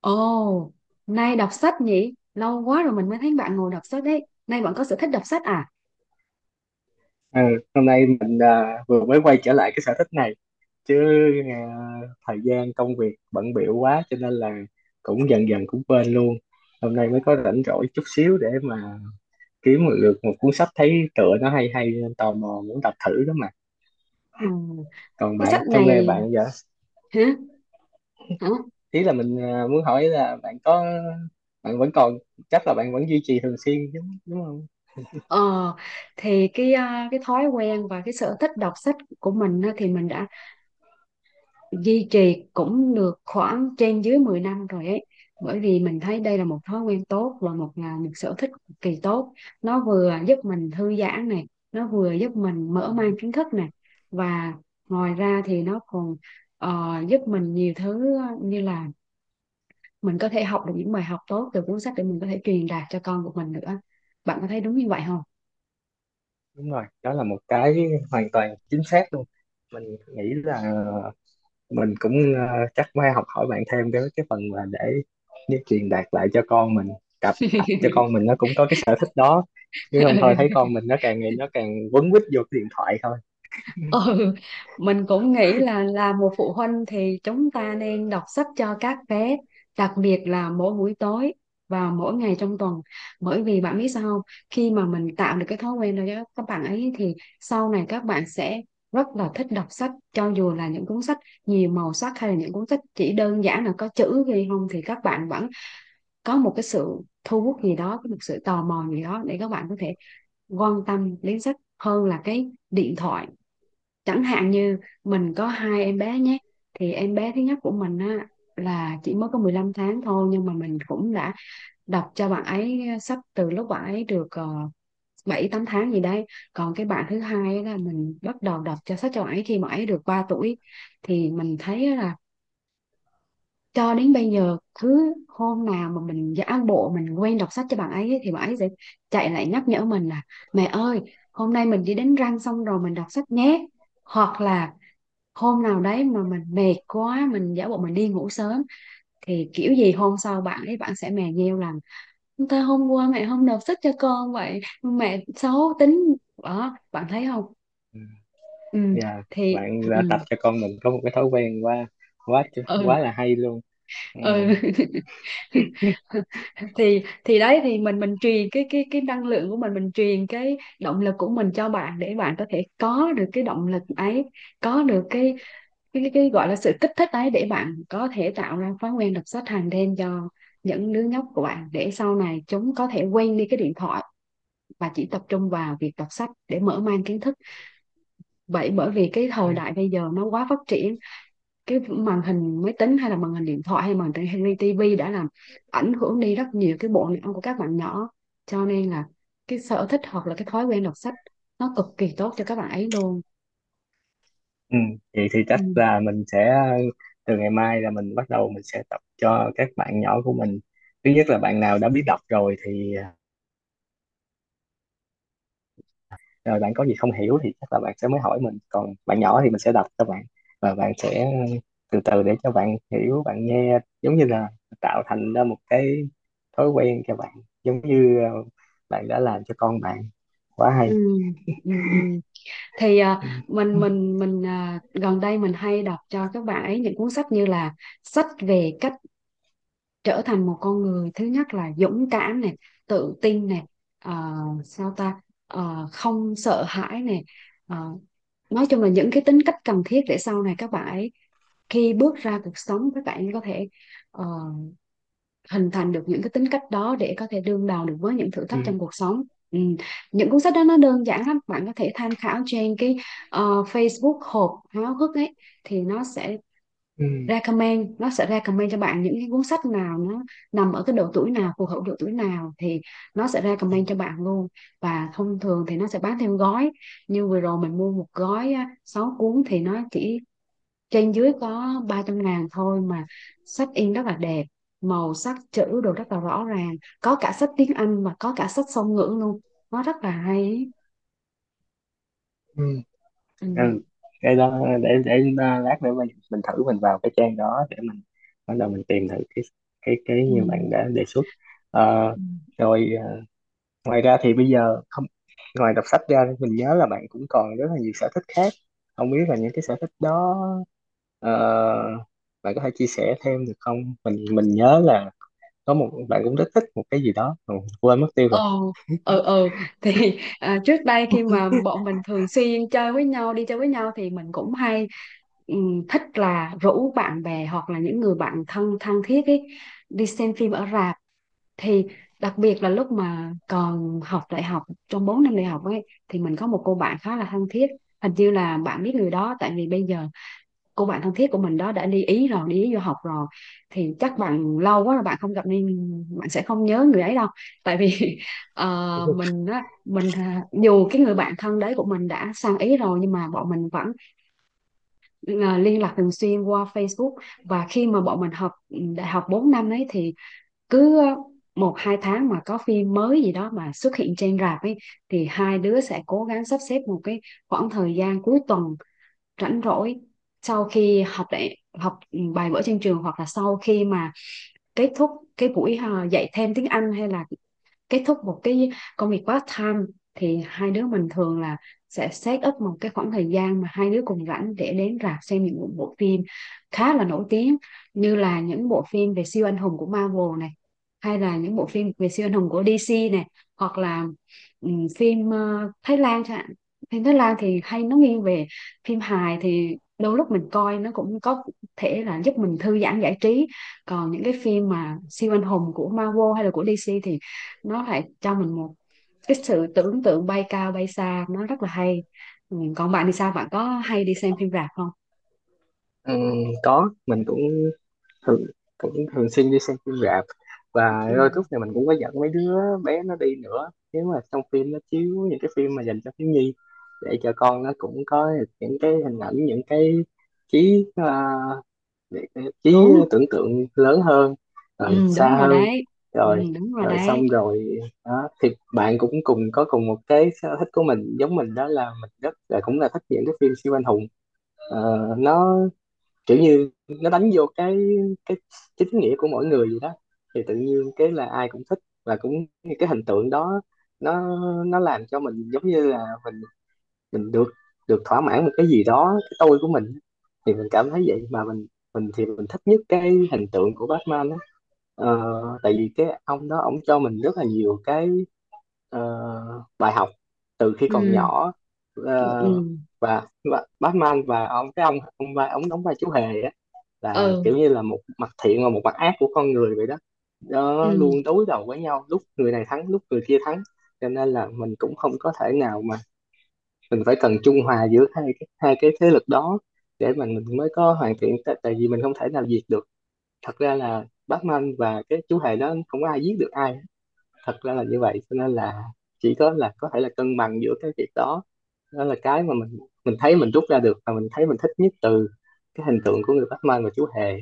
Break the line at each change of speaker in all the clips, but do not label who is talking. Ồ, nay đọc sách nhỉ? Lâu quá rồi mình mới thấy bạn ngồi đọc sách đấy. Nay bạn có sở thích đọc sách à?
Ờ, hôm nay mình vừa mới quay trở lại cái sở thích này chứ à, thời gian công việc bận bịu quá cho nên là cũng dần dần cũng quên luôn. Hôm nay mới có rảnh rỗi chút xíu để mà kiếm một lượt một cuốn sách thấy tựa nó hay hay nên tò mò muốn đọc thử đó mà.
Ừ.
Còn
Cái
bạn
sách
hôm nay
này
bạn giờ
hả? Hả?
ý là mình muốn hỏi là bạn có bạn vẫn còn chắc là bạn vẫn duy trì thường xuyên đúng đúng không?
Ờ, thì cái thói quen và cái sở thích đọc sách của mình á, thì mình đã duy trì cũng được khoảng trên dưới 10 năm rồi ấy. Bởi vì mình thấy đây là một thói quen tốt và là một sở thích cực kỳ tốt. Nó vừa giúp mình thư giãn này, nó vừa giúp mình mở mang kiến thức này, và ngoài ra thì nó còn giúp mình nhiều thứ, như là mình có thể học được những bài học tốt từ cuốn sách để mình có thể truyền đạt cho con của mình nữa. Bạn có thấy đúng như vậy không?
Đúng rồi, đó là một hoàn toàn chính xác luôn. Mình nghĩ là mình cũng chắc phải học hỏi bạn thêm cái phần mà để truyền đạt lại cho con mình, cặp cặp cho con mình nó cũng có cái sở thích đó, chứ không thôi thấy
Ừ.
con mình nó càng ngày nó càng quấn quýt vô cái điện thoại thôi.
Ừ, mình cũng nghĩ là một phụ huynh thì chúng ta nên đọc sách cho các bé, đặc biệt là mỗi buổi tối và mỗi ngày trong tuần. Bởi vì bạn biết sao không? Khi mà mình tạo được cái thói quen đó cho các bạn ấy thì sau này các bạn sẽ rất là thích đọc sách, cho dù là những cuốn sách nhiều màu sắc hay là những cuốn sách chỉ đơn giản là có chữ ghi không, thì các bạn vẫn có một cái sự thu hút gì đó, có một sự tò mò gì đó để các bạn có thể quan tâm đến sách hơn là cái điện thoại. Chẳng hạn như mình có hai em bé nhé, thì em bé thứ nhất của mình á là chỉ mới có 15 tháng thôi, nhưng mà mình cũng đã đọc cho bạn ấy sách từ lúc bạn ấy được uh, 7 8 tháng gì đấy. Còn cái bạn thứ hai á là mình bắt đầu đọc cho sách cho bạn ấy khi mà ấy được 3 tuổi, thì mình thấy là cho đến bây giờ cứ hôm nào mà mình giả bộ mình quên đọc sách cho bạn ấy ấy, thì bạn ấy sẽ chạy lại nhắc nhở mình là mẹ ơi, hôm nay mình đi đánh răng xong rồi mình đọc sách nhé. Hoặc là hôm nào đấy mà mình mệt quá mình giả bộ mình đi ngủ sớm, thì kiểu gì hôm sau bạn sẽ mè nheo rằng ta hôm qua mẹ không nộp sách cho con, vậy mẹ xấu tính. Đó, bạn thấy không?
Ừ.
Ừ
Dạ,
thì
bạn đã
ừ,
tập cho con mình có một cái thói quen quá quá
ừ,
quá là hay luôn. Ừ.
ừ. Thì đấy, thì mình truyền cái năng lượng của mình truyền cái động lực của mình cho bạn để bạn có thể có được cái động lực ấy, có được cái gọi là sự kích thích ấy để bạn có thể tạo ra thói quen đọc sách hàng đêm cho những đứa nhóc của bạn để sau này chúng có thể quên đi cái điện thoại và chỉ tập trung vào việc đọc sách để mở mang kiến thức. Vậy bởi vì cái thời đại bây giờ nó quá phát triển, cái màn hình máy tính hay là màn hình điện thoại hay màn hình tivi đã làm ảnh hưởng đi rất nhiều cái bộ não của các bạn nhỏ, cho nên là cái sở thích hoặc là cái thói quen đọc sách nó cực kỳ tốt cho các bạn ấy luôn.
Ừ. Vậy thì
Ừ,
chắc là mình sẽ từ ngày mai là mình bắt đầu mình sẽ tập cho các bạn nhỏ của mình. Thứ nhất là bạn nào đã biết đọc rồi thì rồi bạn có gì không hiểu thì chắc là bạn sẽ mới hỏi mình, còn bạn nhỏ thì mình sẽ đọc cho bạn và bạn sẽ từ từ, để cho bạn hiểu bạn nghe, giống như là tạo thành ra một cái thói quen cho bạn, giống như bạn đã làm cho con bạn. Quá
ừ,
hay.
ừ, ừ. thì à,
Ừ.
mình mình mình à, gần đây mình hay đọc cho các bạn ấy những cuốn sách như là sách về cách trở thành một con người thứ nhất là dũng cảm này, tự tin này, ờ, sao ta, không sợ hãi này, Ờ, nói chung là những cái tính cách cần thiết để sau này các bạn ấy khi bước ra cuộc sống các bạn ấy có thể ờ, hình thành được những cái tính cách đó để có thể đương đầu được với những thử
Ừ.
thách trong cuộc sống. Ừ. Những cuốn sách đó nó đơn giản lắm, bạn có thể tham khảo trên cái Facebook hộp háo hức ấy, thì nó sẽ
Ừ.
recommend, cho bạn những cái cuốn sách nào nó nằm ở cái độ tuổi nào phù hợp, độ tuổi nào thì nó sẽ recommend cho bạn luôn. Và thông thường thì nó sẽ bán theo gói, như vừa rồi mình mua một gói á, 6 cuốn thì nó chỉ trên dưới có 300.000 thôi mà. Sách in rất là đẹp, màu sắc chữ đồ rất là rõ ràng, có cả sách tiếng Anh và có cả sách song ngữ luôn. Nó rất là hay ý.
Ừ.
Ừ.
Ừ. Cái đó để lát nữa mình thử mình vào cái trang đó để mình bắt đầu mình tìm thử cái
Ừ.
như bạn đã đề xuất. Ờ,
Ừ.
rồi. Ngoài ra thì bây giờ không ngoài đọc sách ra mình nhớ là bạn cũng còn rất là nhiều sở thích khác, không biết là những cái sở thích đó ờ, bạn có thể chia sẻ thêm được không? Mình nhớ là có một bạn cũng rất thích một cái gì đó mà quên mất tiêu
Ồ,
rồi.
ừ, ừ. Thì trước đây khi mà bọn mình thường xuyên chơi với nhau, đi chơi với nhau thì mình cũng hay thích là rủ bạn bè hoặc là những người bạn thân thân thiết ấy đi xem phim ở rạp. Thì đặc biệt là lúc mà còn học đại học, trong 4 năm đại học ấy thì mình có một cô bạn khá là thân thiết, hình như là bạn biết người đó, tại vì bây giờ cô bạn thân thiết của mình đó đã đi Ý du học rồi, thì chắc bạn lâu quá là bạn không gặp nên bạn sẽ không nhớ người ấy đâu. Tại vì ờ, mình á mình à, dù cái người bạn thân đấy của mình đã sang Ý rồi nhưng mà bọn mình vẫn liên lạc thường xuyên qua Facebook. Và khi mà bọn mình học đại học 4 năm ấy thì cứ một hai tháng mà có phim mới gì đó mà xuất hiện trên rạp ấy, thì hai đứa sẽ cố gắng sắp xếp một cái khoảng thời gian cuối tuần rảnh rỗi sau khi học đại học bài vở trên trường hoặc là sau khi mà kết thúc cái buổi dạy thêm tiếng Anh hay là kết thúc một cái công việc part time, thì hai đứa mình thường là sẽ set up một cái khoảng thời gian mà hai đứa cùng rảnh để đến rạp xem những bộ phim khá là nổi tiếng như là những bộ phim về siêu anh hùng của Marvel này hay là những bộ phim về siêu anh hùng của DC này, hoặc là phim Thái Lan chẳng hạn. Phim Thái Lan thì hay nó nghiêng về phim hài, thì đôi lúc mình coi nó cũng có thể là giúp mình thư giãn giải trí. Còn những cái phim mà siêu anh hùng của Marvel hay là của DC thì nó lại cho mình một cái sự tưởng tượng bay cao bay xa, nó rất là hay. Ừ. Còn bạn thì sao, bạn có hay đi xem phim rạp không?
Ừ, có, mình cũng thường, cũng thường xuyên đi xem phim rạp, và
Ừ.
đôi lúc này mình cũng có dẫn mấy đứa bé nó đi nữa nếu mà trong phim nó chiếu những cái phim mà dành cho thiếu nhi, để cho con nó cũng có những cái hình ảnh, những cái trí à, để cái trí
Đúng.
tưởng tượng lớn hơn rồi
Ừ, đúng
xa
rồi
hơn.
đấy. Ừ,
Rồi.
đúng rồi
Rồi
đấy.
xong rồi. Đó thì bạn cũng cùng có cùng một cái sở thích của mình, giống mình, đó là mình rất là cũng là thích những cái phim siêu anh hùng. Ờ, nó kiểu như nó đánh vô cái chính nghĩa của mỗi người vậy đó, thì tự nhiên cái là ai cũng thích và cũng như cái hình tượng đó. Nó nó làm cho mình giống như là mình mình được được thỏa mãn một cái gì đó, cái tôi của mình, thì mình cảm thấy vậy. Mà mình thích nhất cái hình tượng của Batman á. Ờ, tại vì cái ông đó ông cho mình rất là nhiều cái ờ, bài học từ khi còn
Ừ.
nhỏ. Ờ,
Ừ.
và, và Batman và ông cái ông vai- ông đóng vai chú hề, là
Ừ,
kiểu như là một mặt thiện và một mặt ác của con người vậy đó.
ừ.
Nó luôn đối đầu với nhau, lúc người này thắng lúc người kia thắng, cho nên là mình cũng không có thể nào mà mình phải cần trung hòa giữa hai cái thế lực đó để mà mình mới có hoàn thiện. Tại tại vì mình không thể nào diệt được, thật ra là Batman và cái chú hề đó không có ai giết được ai, thật ra là như vậy. Cho nên là chỉ có là có thể là cân bằng giữa cái việc đó. Đó là cái mà mình thấy mình rút ra được và mình thấy mình thích nhất từ cái hình tượng của người Batman và chú hề.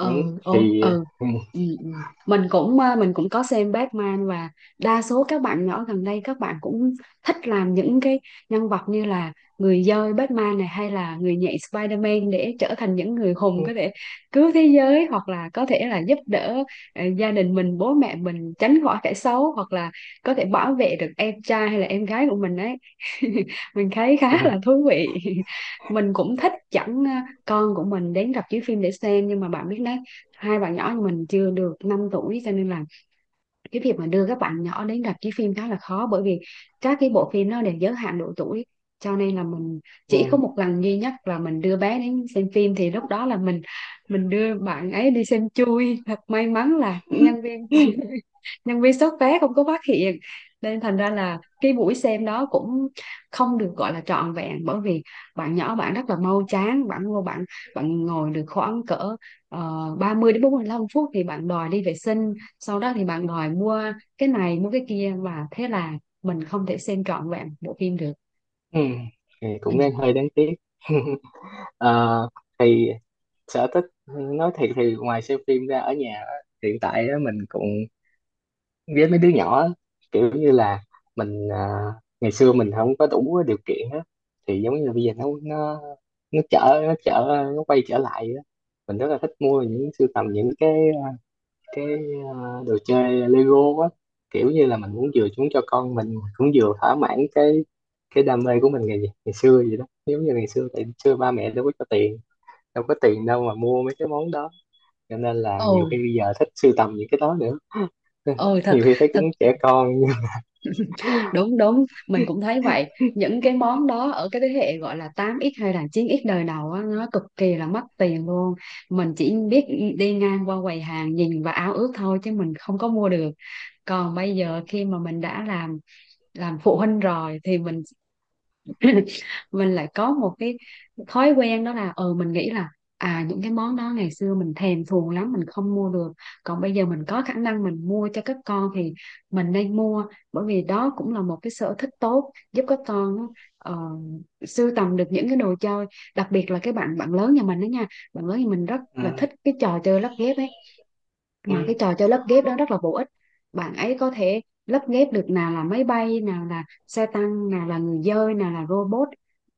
Ừ,
ô,
thì
ừ,
ừ,
ừ, ừ. Mình cũng có xem Batman, và đa số các bạn nhỏ gần đây các bạn cũng thích làm những cái nhân vật như là người dơi Batman này hay là người nhện Spider-Man để trở thành những người
ừ,
hùng có thể cứu thế giới hoặc là có thể là giúp đỡ gia đình mình, bố mẹ mình tránh khỏi kẻ xấu, hoặc là có thể bảo vệ được em trai hay là em gái của mình ấy. Mình thấy khá là thú vị. Mình cũng thích chẳng con của mình đến rạp chiếu phim để xem, nhưng mà bạn biết đấy, hai bạn nhỏ của mình chưa được 5 tuổi cho nên là cái việc mà đưa các bạn nhỏ đến rạp chiếu phim khá là khó. Bởi vì các cái bộ phim nó đều giới hạn độ tuổi, cho nên là mình chỉ
ừ,
có một lần duy nhất là mình đưa bé đến xem phim thì lúc đó là mình đưa bạn ấy đi xem chui. Thật may mắn là nhân viên soát vé không có phát hiện, nên thành ra là cái buổi xem đó cũng không được gọi là trọn vẹn, bởi vì bạn nhỏ bạn rất là mau chán, bạn ngồi được khoảng cỡ 30 đến 45 phút thì bạn đòi đi vệ sinh, sau đó thì bạn đòi mua cái này mua cái kia, và thế là mình không thể xem trọn vẹn bộ phim được.
ừ, thì
Ừ.
cũng đang hơi đáng tiếc. Ờ, thì sở thích nói thiệt thì ngoài xem phim ra ở nhà á, hiện tại á, mình cũng với mấy đứa nhỏ á, kiểu như là mình ngày xưa mình không có đủ điều kiện á, thì giống như là bây giờ nó trở nó trở nó quay trở lại á. Mình rất là thích mua những sưu tầm những cái đồ chơi Lego á, kiểu như là mình muốn vừa chúng cho con mình mà cũng vừa thỏa mãn cái đam mê của mình ngày ngày xưa vậy đó, giống như ngày xưa tại xưa ba mẹ đâu có cho tiền, đâu có tiền đâu mà mua mấy cái món đó, cho nên là
Ồ,
nhiều khi bây giờ thích sưu tầm những cái đó nữa.
ừ, thật
Nhiều khi thấy cũng
thật.
trẻ con.
Đúng đúng, mình cũng thấy vậy. Những cái món đó ở cái thế hệ gọi là 8x hay là 9x đời đầu á, nó cực kỳ là mất tiền luôn. Mình chỉ biết đi ngang qua quầy hàng nhìn và ao ước thôi chứ mình không có mua được. Còn bây giờ khi mà mình đã làm phụ huynh rồi thì mình mình lại có một cái thói quen, đó là mình nghĩ là những cái món đó ngày xưa mình thèm thuồng lắm mình không mua được, còn bây giờ mình có khả năng mình mua cho các con thì mình nên mua. Bởi vì đó cũng là một cái sở thích tốt giúp các con ờ, sưu tầm được những cái đồ chơi. Đặc biệt là cái bạn bạn lớn nhà mình đó nha, bạn lớn nhà mình rất là
Ừ.
thích cái trò chơi lắp ghép ấy,
Ừ.
mà cái trò chơi lắp ghép đó rất là bổ ích. Bạn ấy có thể lắp ghép được nào là máy bay, nào là xe tăng, nào là người dơi, nào là robot,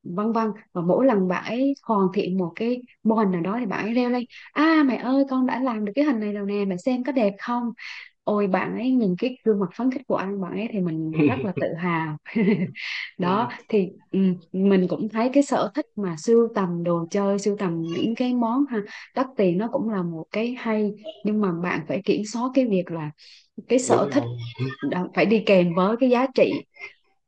vân vân. Và mỗi lần bạn ấy hoàn thiện một cái mô hình nào đó thì bạn ấy reo lên: à mẹ ơi, con đã làm được cái hình này rồi nè, mẹ xem có đẹp không. Ôi, bạn ấy nhìn cái gương mặt phấn khích của anh bạn ấy thì mình rất là tự hào.
Ừ,
Đó, thì mình cũng thấy cái sở thích mà sưu tầm đồ chơi, sưu tầm những cái món ha đắt tiền, nó cũng là một cái hay. Nhưng mà bạn phải kiểm soát cái việc là cái sở
đúng
thích
rồi.
phải đi kèm với cái giá trị.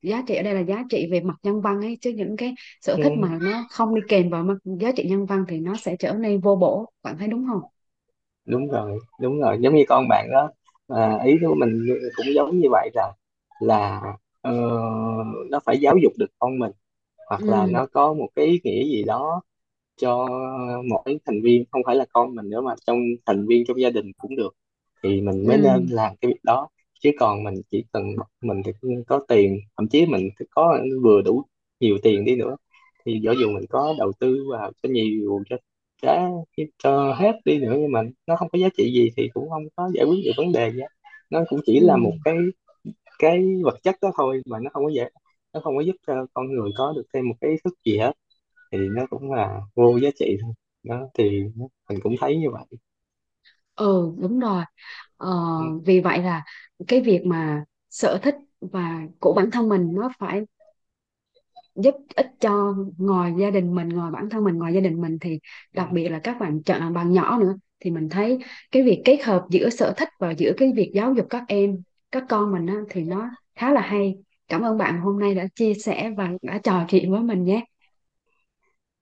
Giá trị ở đây là giá trị về mặt nhân văn ấy, chứ những cái sở
Ừ,
thích mà nó không đi kèm vào mặt giá trị nhân văn thì nó sẽ trở nên vô bổ, bạn thấy đúng không?
đúng rồi, đúng rồi, giống như con bạn đó. Ý của mình cũng giống như vậy, là ờ, nó phải giáo dục được con mình hoặc là nó
Ừ,
có một cái ý nghĩa gì đó cho mỗi thành viên, không phải là con mình nữa mà thành viên trong gia đình cũng được, thì mình mới
ừ,
nên làm cái việc đó. Chứ còn mình chỉ cần mình thì có tiền, thậm chí mình có vừa đủ nhiều tiền đi nữa, thì dẫu dù mình có đầu tư vào cho nhiều đã cho hết đi nữa nhưng mà nó không có giá trị gì thì cũng không có giải quyết được vấn đề gì hết. Nó cũng chỉ
ừ,
là một cái vật chất đó thôi, mà nó không có giúp cho con người có được thêm một cái ý thức gì hết, thì nó cũng là vô giá trị thôi. Đó thì mình cũng thấy như vậy.
ừ, đúng rồi. ờ,
Ừ.
vì vậy là cái việc mà sở thích và của bản thân mình nó phải giúp ích cho ngoài gia đình mình, ngoài bản thân mình, ngoài gia đình mình thì
Ừ.
đặc biệt là các bạn chọn bạn nhỏ nữa. Thì mình thấy cái việc kết hợp giữa sở thích và giữa cái việc giáo dục các em, các con mình á, thì nó khá là hay. Cảm ơn bạn hôm nay đã chia sẻ và đã trò chuyện với mình nhé.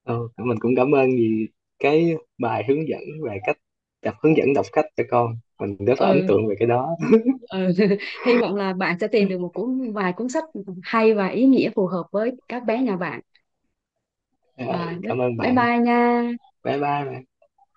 Ừ, mình cũng cảm ơn vì cái bài hướng dẫn về cách hướng dẫn đọc sách cho con mình, rất là ấn
Ừ,
tượng về cái đó.
ừ. Hy vọng là bạn sẽ tìm được một cuốn vài cuốn sách hay và ý nghĩa phù hợp với các bé nhà bạn.
Rồi,
à,
cảm ơn
bye
bạn.
bye nha
Bye bye bạn.